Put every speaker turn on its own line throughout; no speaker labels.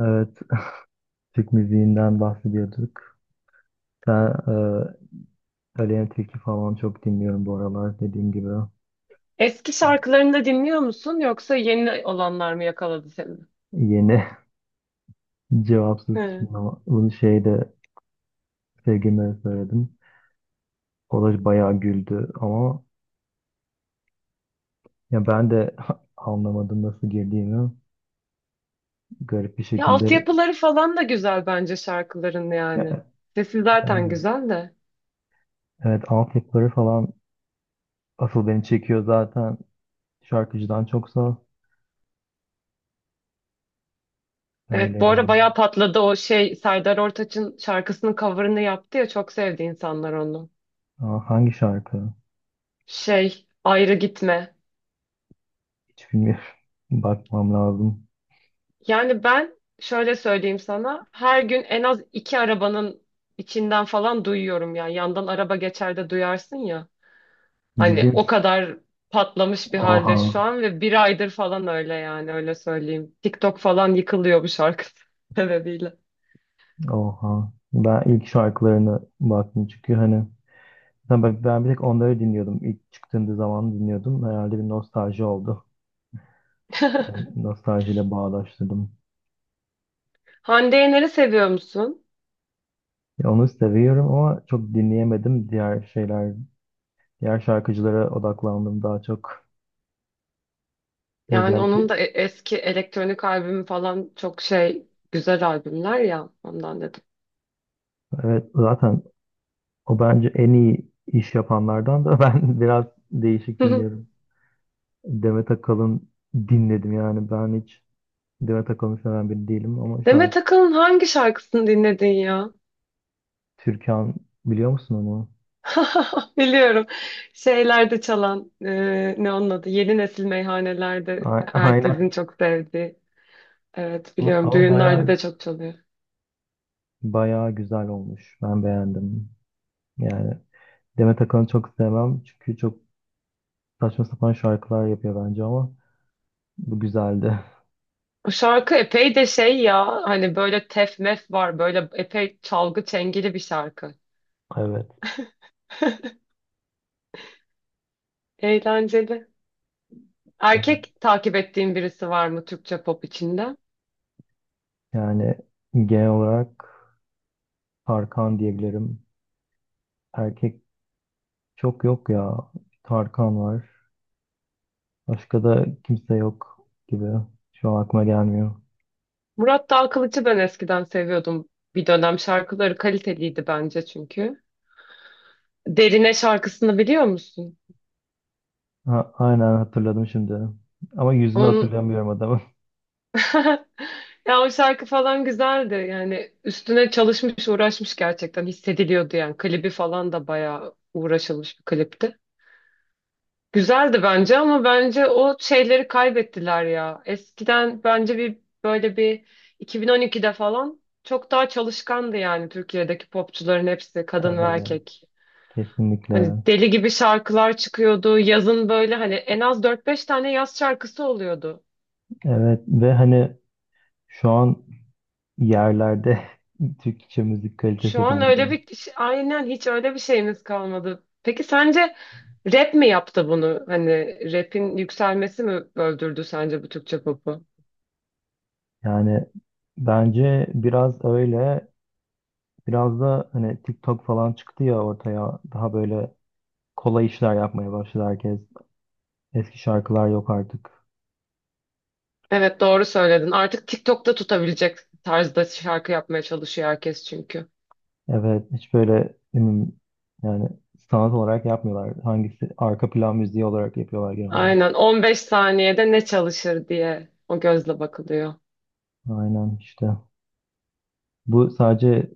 Evet, Türk müziğinden bahsediyorduk. Ben Aleyna Tilki falan çok dinliyorum bu aralar dediğim gibi.
Eski şarkılarını da dinliyor musun yoksa yeni olanlar mı yakaladı seni?
Yeni. Cevapsız
He.
Çınlama. Bunu şeyde sevgilime söyledim. O da bayağı güldü ama ya ben de anlamadım nasıl girdiğimi. Garip bir
Ya
şekilde.
altyapıları falan da güzel bence şarkıların
Ya,
yani. Sesi
e,
zaten güzel de.
evet, altyapıları falan asıl beni çekiyor zaten şarkıcıdan çoksa, öyle
Evet, bu ara
yani.
bayağı patladı o şey, Serdar Ortaç'ın şarkısının cover'ını yaptı ya, çok sevdi insanlar onu.
Aa, hangi şarkı?
Şey, ayrı gitme.
Hiç bilmiyorum. Bakmam lazım.
Yani ben şöyle söyleyeyim sana, her gün en az iki arabanın içinden falan duyuyorum, yani yandan araba geçer de duyarsın ya.
Ciddi
Hani o
misin?
kadar patlamış bir
Oha,
halde şu an ve bir aydır falan öyle, yani öyle söyleyeyim. TikTok falan yıkılıyor bu şarkı sebebiyle.
oha. Ben ilk şarkılarına baktım, çünkü hani ben bir tek onları dinliyordum. İlk çıktığında zaman dinliyordum. Herhalde bir nostalji oldu. Yani nostaljiyle bağdaştırdım.
Hande Yener'i seviyor musun?
Ya, onu seviyorum ama çok dinleyemedim. Diğer şeyler, diğer şarkıcılara odaklandım daha çok.
Yani onun
Özellikle
da eski elektronik albümü falan çok şey, güzel albümler ya, ondan dedim.
evet, zaten o bence en iyi iş yapanlardan da. Ben biraz değişik dinliyorum. Demet Akalın dinledim. Yani ben hiç Demet Akalın seven biri değilim ama
Demet
şarkı
Akalın hangi şarkısını dinledin ya?
Türkan, biliyor musun onu?
Biliyorum. Şeylerde çalan, ne onun adı? Yeni nesil meyhanelerde
A-
herkesin
Aynen.
çok sevdiği. Evet,
Ama,
biliyorum.
ama
Düğünlerde de
bayağı
çok çalıyor.
bayağı güzel olmuş. Ben beğendim. Yani Demet Akalın'ı çok sevmem, çünkü çok saçma sapan şarkılar yapıyor bence, ama bu güzeldi.
Bu şarkı epey de şey ya, hani böyle tef mef var, böyle epey çalgı çengeli bir şarkı.
Evet.
Eğlenceli.
Evet.
Erkek takip ettiğin birisi var mı Türkçe pop içinde?
Yani genel olarak Tarkan diyebilirim. Erkek çok yok ya. Tarkan var. Başka da kimse yok gibi. Şu an aklıma gelmiyor.
Murat Dağkılıç'ı ben eskiden seviyordum bir dönem. Şarkıları kaliteliydi bence çünkü. Derine şarkısını biliyor musun?
Ha, aynen, hatırladım şimdi. Ama yüzünü
Onun,
hatırlamıyorum adamın.
ya o şarkı falan güzeldi. Yani üstüne çalışmış, uğraşmış gerçekten. Hissediliyordu yani. Klibi falan da bayağı uğraşılmış bir klipti. Güzeldi bence, ama bence o şeyleri kaybettiler ya. Eskiden bence bir böyle bir 2012'de falan çok daha çalışkandı, yani Türkiye'deki popçuların hepsi, kadın ve
Evet.
erkek.
Kesinlikle.
Hani deli gibi şarkılar çıkıyordu. Yazın böyle hani en az dört beş tane yaz şarkısı oluyordu.
Evet, ve hani şu an yerlerde Türkçe müzik
Şu
kalitesi
an öyle
bence.
bir kişi, aynen hiç öyle bir şeyimiz kalmadı. Peki sence rap mi yaptı bunu? Hani rap'in yükselmesi mi öldürdü sence bu Türkçe popu?
Yani bence biraz öyle, biraz da hani TikTok falan çıktı ya ortaya, daha böyle kolay işler yapmaya başladı herkes. Eski şarkılar yok artık.
Evet, doğru söyledin. Artık TikTok'ta tutabilecek tarzda şarkı yapmaya çalışıyor herkes çünkü.
Evet, hiç böyle ne bileyim, yani sanat olarak yapmıyorlar. Hangisi arka plan müziği olarak yapıyorlar genel olarak.
Aynen, 15 saniyede ne çalışır diye o gözle bakılıyor.
Aynen işte. Bu sadece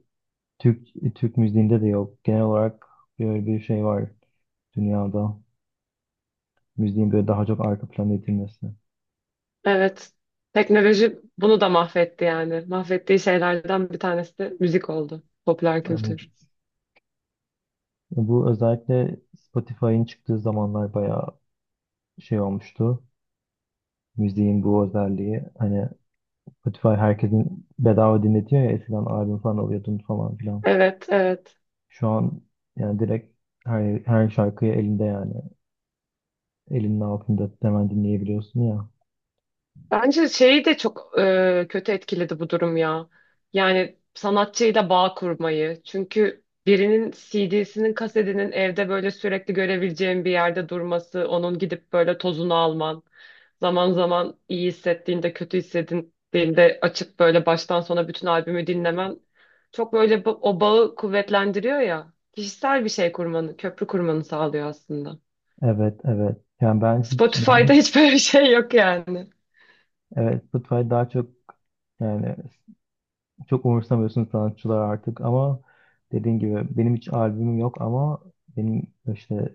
Türk Türk müziğinde de yok. Genel olarak böyle bir şey var. Dünyada müziğin böyle daha çok arka plana edilmesi.
Evet. Teknoloji bunu da mahvetti yani. Mahvettiği şeylerden bir tanesi de müzik oldu. Popüler
Yani
kültür.
bu özellikle Spotify'ın çıktığı zamanlar bayağı şey olmuştu. Müziğin bu özelliği hani, Spotify herkesin bedava dinletiyor ya, eskiden albüm falan alıyordun falan filan.
Evet, evet.
Şu an yani direkt her şarkıyı elinde, yani elinin altında hemen dinleyebiliyorsun ya.
Bence şeyi de çok kötü etkiledi bu durum ya. Yani sanatçıyla bağ kurmayı. Çünkü birinin CD'sinin, kasetinin evde böyle sürekli görebileceğin bir yerde durması, onun gidip böyle tozunu alman, zaman zaman iyi hissettiğinde, kötü hissettiğinde açıp böyle baştan sona bütün albümü dinlemen çok böyle o bağı kuvvetlendiriyor ya. Kişisel bir şey kurmanı, köprü kurmanı sağlıyor aslında.
Evet, evet. Yani ben hiç
Spotify'da
benim,
hiç böyle bir şey yok yani.
evet, Spotify daha çok, yani çok umursamıyorsun sanatçılar artık, ama dediğin gibi benim hiç albümüm yok ama benim işte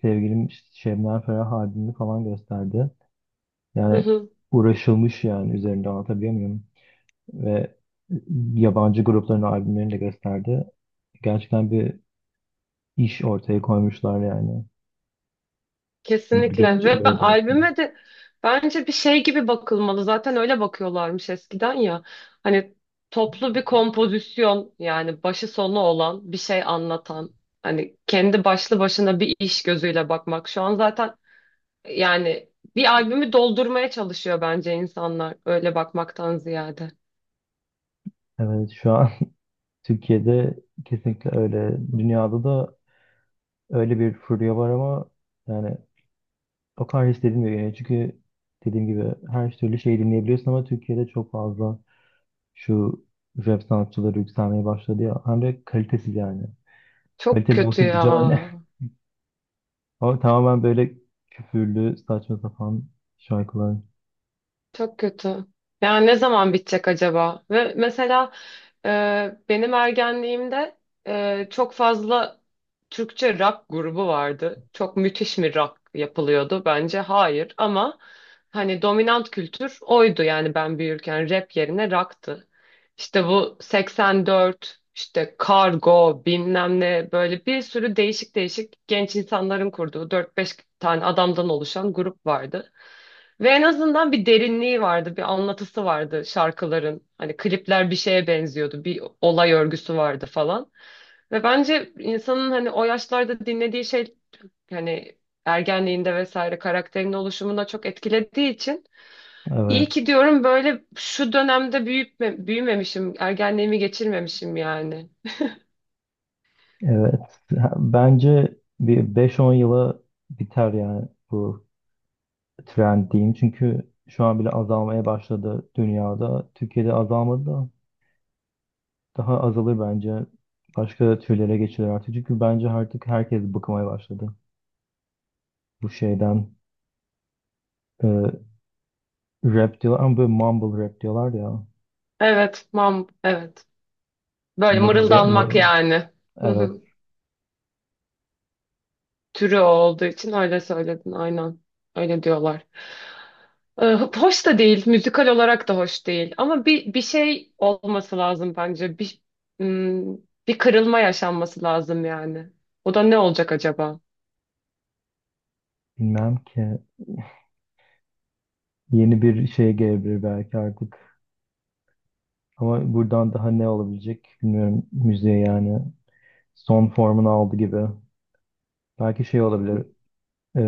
sevgilim Şebnem Ferah albümünü falan gösterdi.
Hı
Yani
hı,
uğraşılmış yani üzerinde, anlatabiliyor muyum? Ve yabancı grupların albümlerini de gösterdi. Gerçekten bir iş ortaya koymuşlar yani. Bunları
kesinlikle.
görünce öyle diyorsun.
Albüme de bence bir şey gibi bakılmalı, zaten öyle bakıyorlarmış eskiden ya, hani toplu bir kompozisyon, yani başı sonu olan bir şey anlatan, hani kendi başlı başına bir iş gözüyle bakmak şu an zaten, yani bir albümü doldurmaya çalışıyor bence insanlar öyle bakmaktan ziyade.
Evet, şu an Türkiye'de kesinlikle öyle. Dünyada da öyle bir furya var ama yani o kadar hiç dediğim, çünkü dediğim gibi her türlü şeyi dinleyebiliyorsun, ama Türkiye'de çok fazla şu rap sanatçıları yükselmeye başladı ya. Hem de kalitesiz yani.
Çok
Kaliteli
kötü
olsa diyeceğim hani.
ya.
Ama tamamen böyle küfürlü, saçma sapan şarkılar.
Çok kötü. Yani ne zaman bitecek acaba? Ve mesela benim ergenliğimde çok fazla Türkçe rock grubu vardı. Çok müthiş mi rock yapılıyordu? Bence hayır, ama hani dominant kültür oydu, yani ben büyürken rap yerine rock'tı. İşte bu 84, işte Kargo, bilmem ne, böyle bir sürü değişik değişik genç insanların kurduğu 4-5 tane adamdan oluşan grup vardı. Ve en azından bir derinliği vardı, bir anlatısı vardı şarkıların. Hani klipler bir şeye benziyordu, bir olay örgüsü vardı falan. Ve bence insanın hani o yaşlarda dinlediği şey, hani ergenliğinde vesaire karakterin oluşumuna çok etkilediği için iyi ki
Evet.
diyorum böyle şu dönemde büyütme, büyümemişim, ergenliğimi geçirmemişim yani.
Evet. Ha, bence bir 5-10 yıla biter yani bu trend diyeyim. Çünkü şu an bile azalmaya başladı dünyada. Türkiye'de azalmadı da daha azalır bence. Başka türlere geçilir artık. Çünkü bence artık herkes bıkmaya başladı. Bu şeyden, e, rap diyorlar ama böyle mumble rap diyorlar ya.
Evet, mam, evet. Böyle
Mırılda, Mumble rap
mırıldanmak
mır,
yani. Hı
evet.
hı. Türü o olduğu için öyle söyledin, aynen. Öyle diyorlar. Hoş da değil, müzikal olarak da hoş değil. Ama bir şey olması lazım bence. Bir hmm, bir kırılma yaşanması lazım yani. O da ne olacak acaba?
Bilmem ki. Yeni bir şey gelebilir belki artık. Ama buradan daha ne olabilecek bilmiyorum müziğe yani. Son formunu aldı gibi. Belki şey olabilir. E,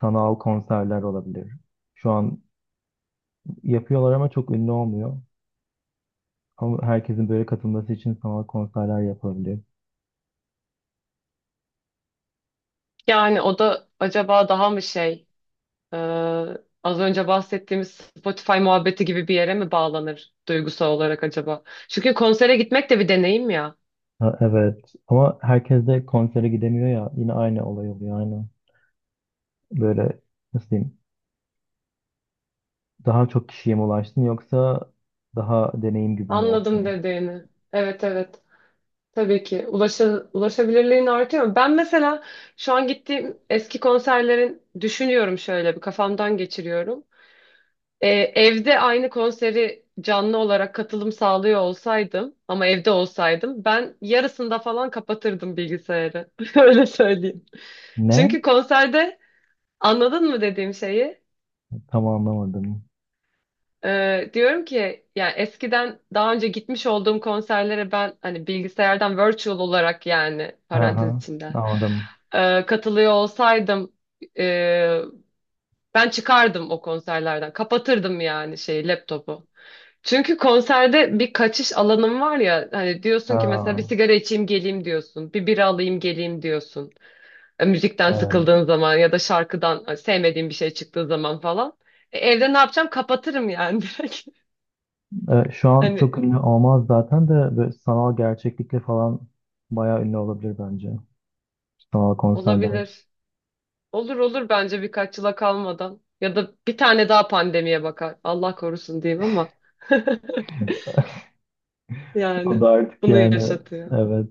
sanal konserler olabilir. Şu an yapıyorlar ama çok ünlü olmuyor. Ama herkesin böyle katılması için sanal konserler yapabilir.
Yani o da acaba daha mı şey? Ee, az önce bahsettiğimiz Spotify muhabbeti gibi bir yere mi bağlanır duygusal olarak acaba? Çünkü konsere gitmek de bir deneyim ya.
Ha, evet, ama herkes de konsere gidemiyor ya, yine aynı olay oluyor aynı. Böyle nasıl diyeyim, daha çok kişiye mi ulaşsın yoksa daha deneyim gibi mi
Anladım
olsun?
dediğini. Evet, evet. Tabii ki. Ulaşabilirliğin artıyor. Ben mesela şu an gittiğim eski konserlerin düşünüyorum, şöyle bir kafamdan geçiriyorum. Ee, evde aynı konseri canlı olarak katılım sağlıyor olsaydım ama evde olsaydım, ben yarısında falan kapatırdım bilgisayarı. Öyle söyleyeyim.
Ne?
Çünkü konserde, anladın mı dediğim şeyi?
Tam anlamadım.
Diyorum ki yani eskiden daha önce gitmiş olduğum konserlere ben hani bilgisayardan virtual olarak, yani parantez
Aha,
içinde,
anladım.
katılıyor olsaydım, e, ben çıkardım o konserlerden. Kapatırdım yani şeyi, laptopu. Çünkü konserde bir kaçış alanım var ya, hani diyorsun ki mesela bir
Ha,
sigara içeyim geleyim diyorsun. Bir bira alayım geleyim diyorsun. Müzikten
evet.
sıkıldığın zaman ya da şarkıdan sevmediğim bir şey çıktığı zaman falan. Evde ne yapacağım? Kapatırım yani direkt.
Şu an
Hani
çok ünlü olmaz zaten, de böyle sanal gerçeklikle falan bayağı ünlü olabilir bence. Sanal konserler.
olabilir. Olur olur bence, birkaç yıla kalmadan. Ya da bir tane daha pandemiye bakar. Allah korusun diyeyim ama
O
yani
da artık
bunu
yani
yaşatıyor.
evet.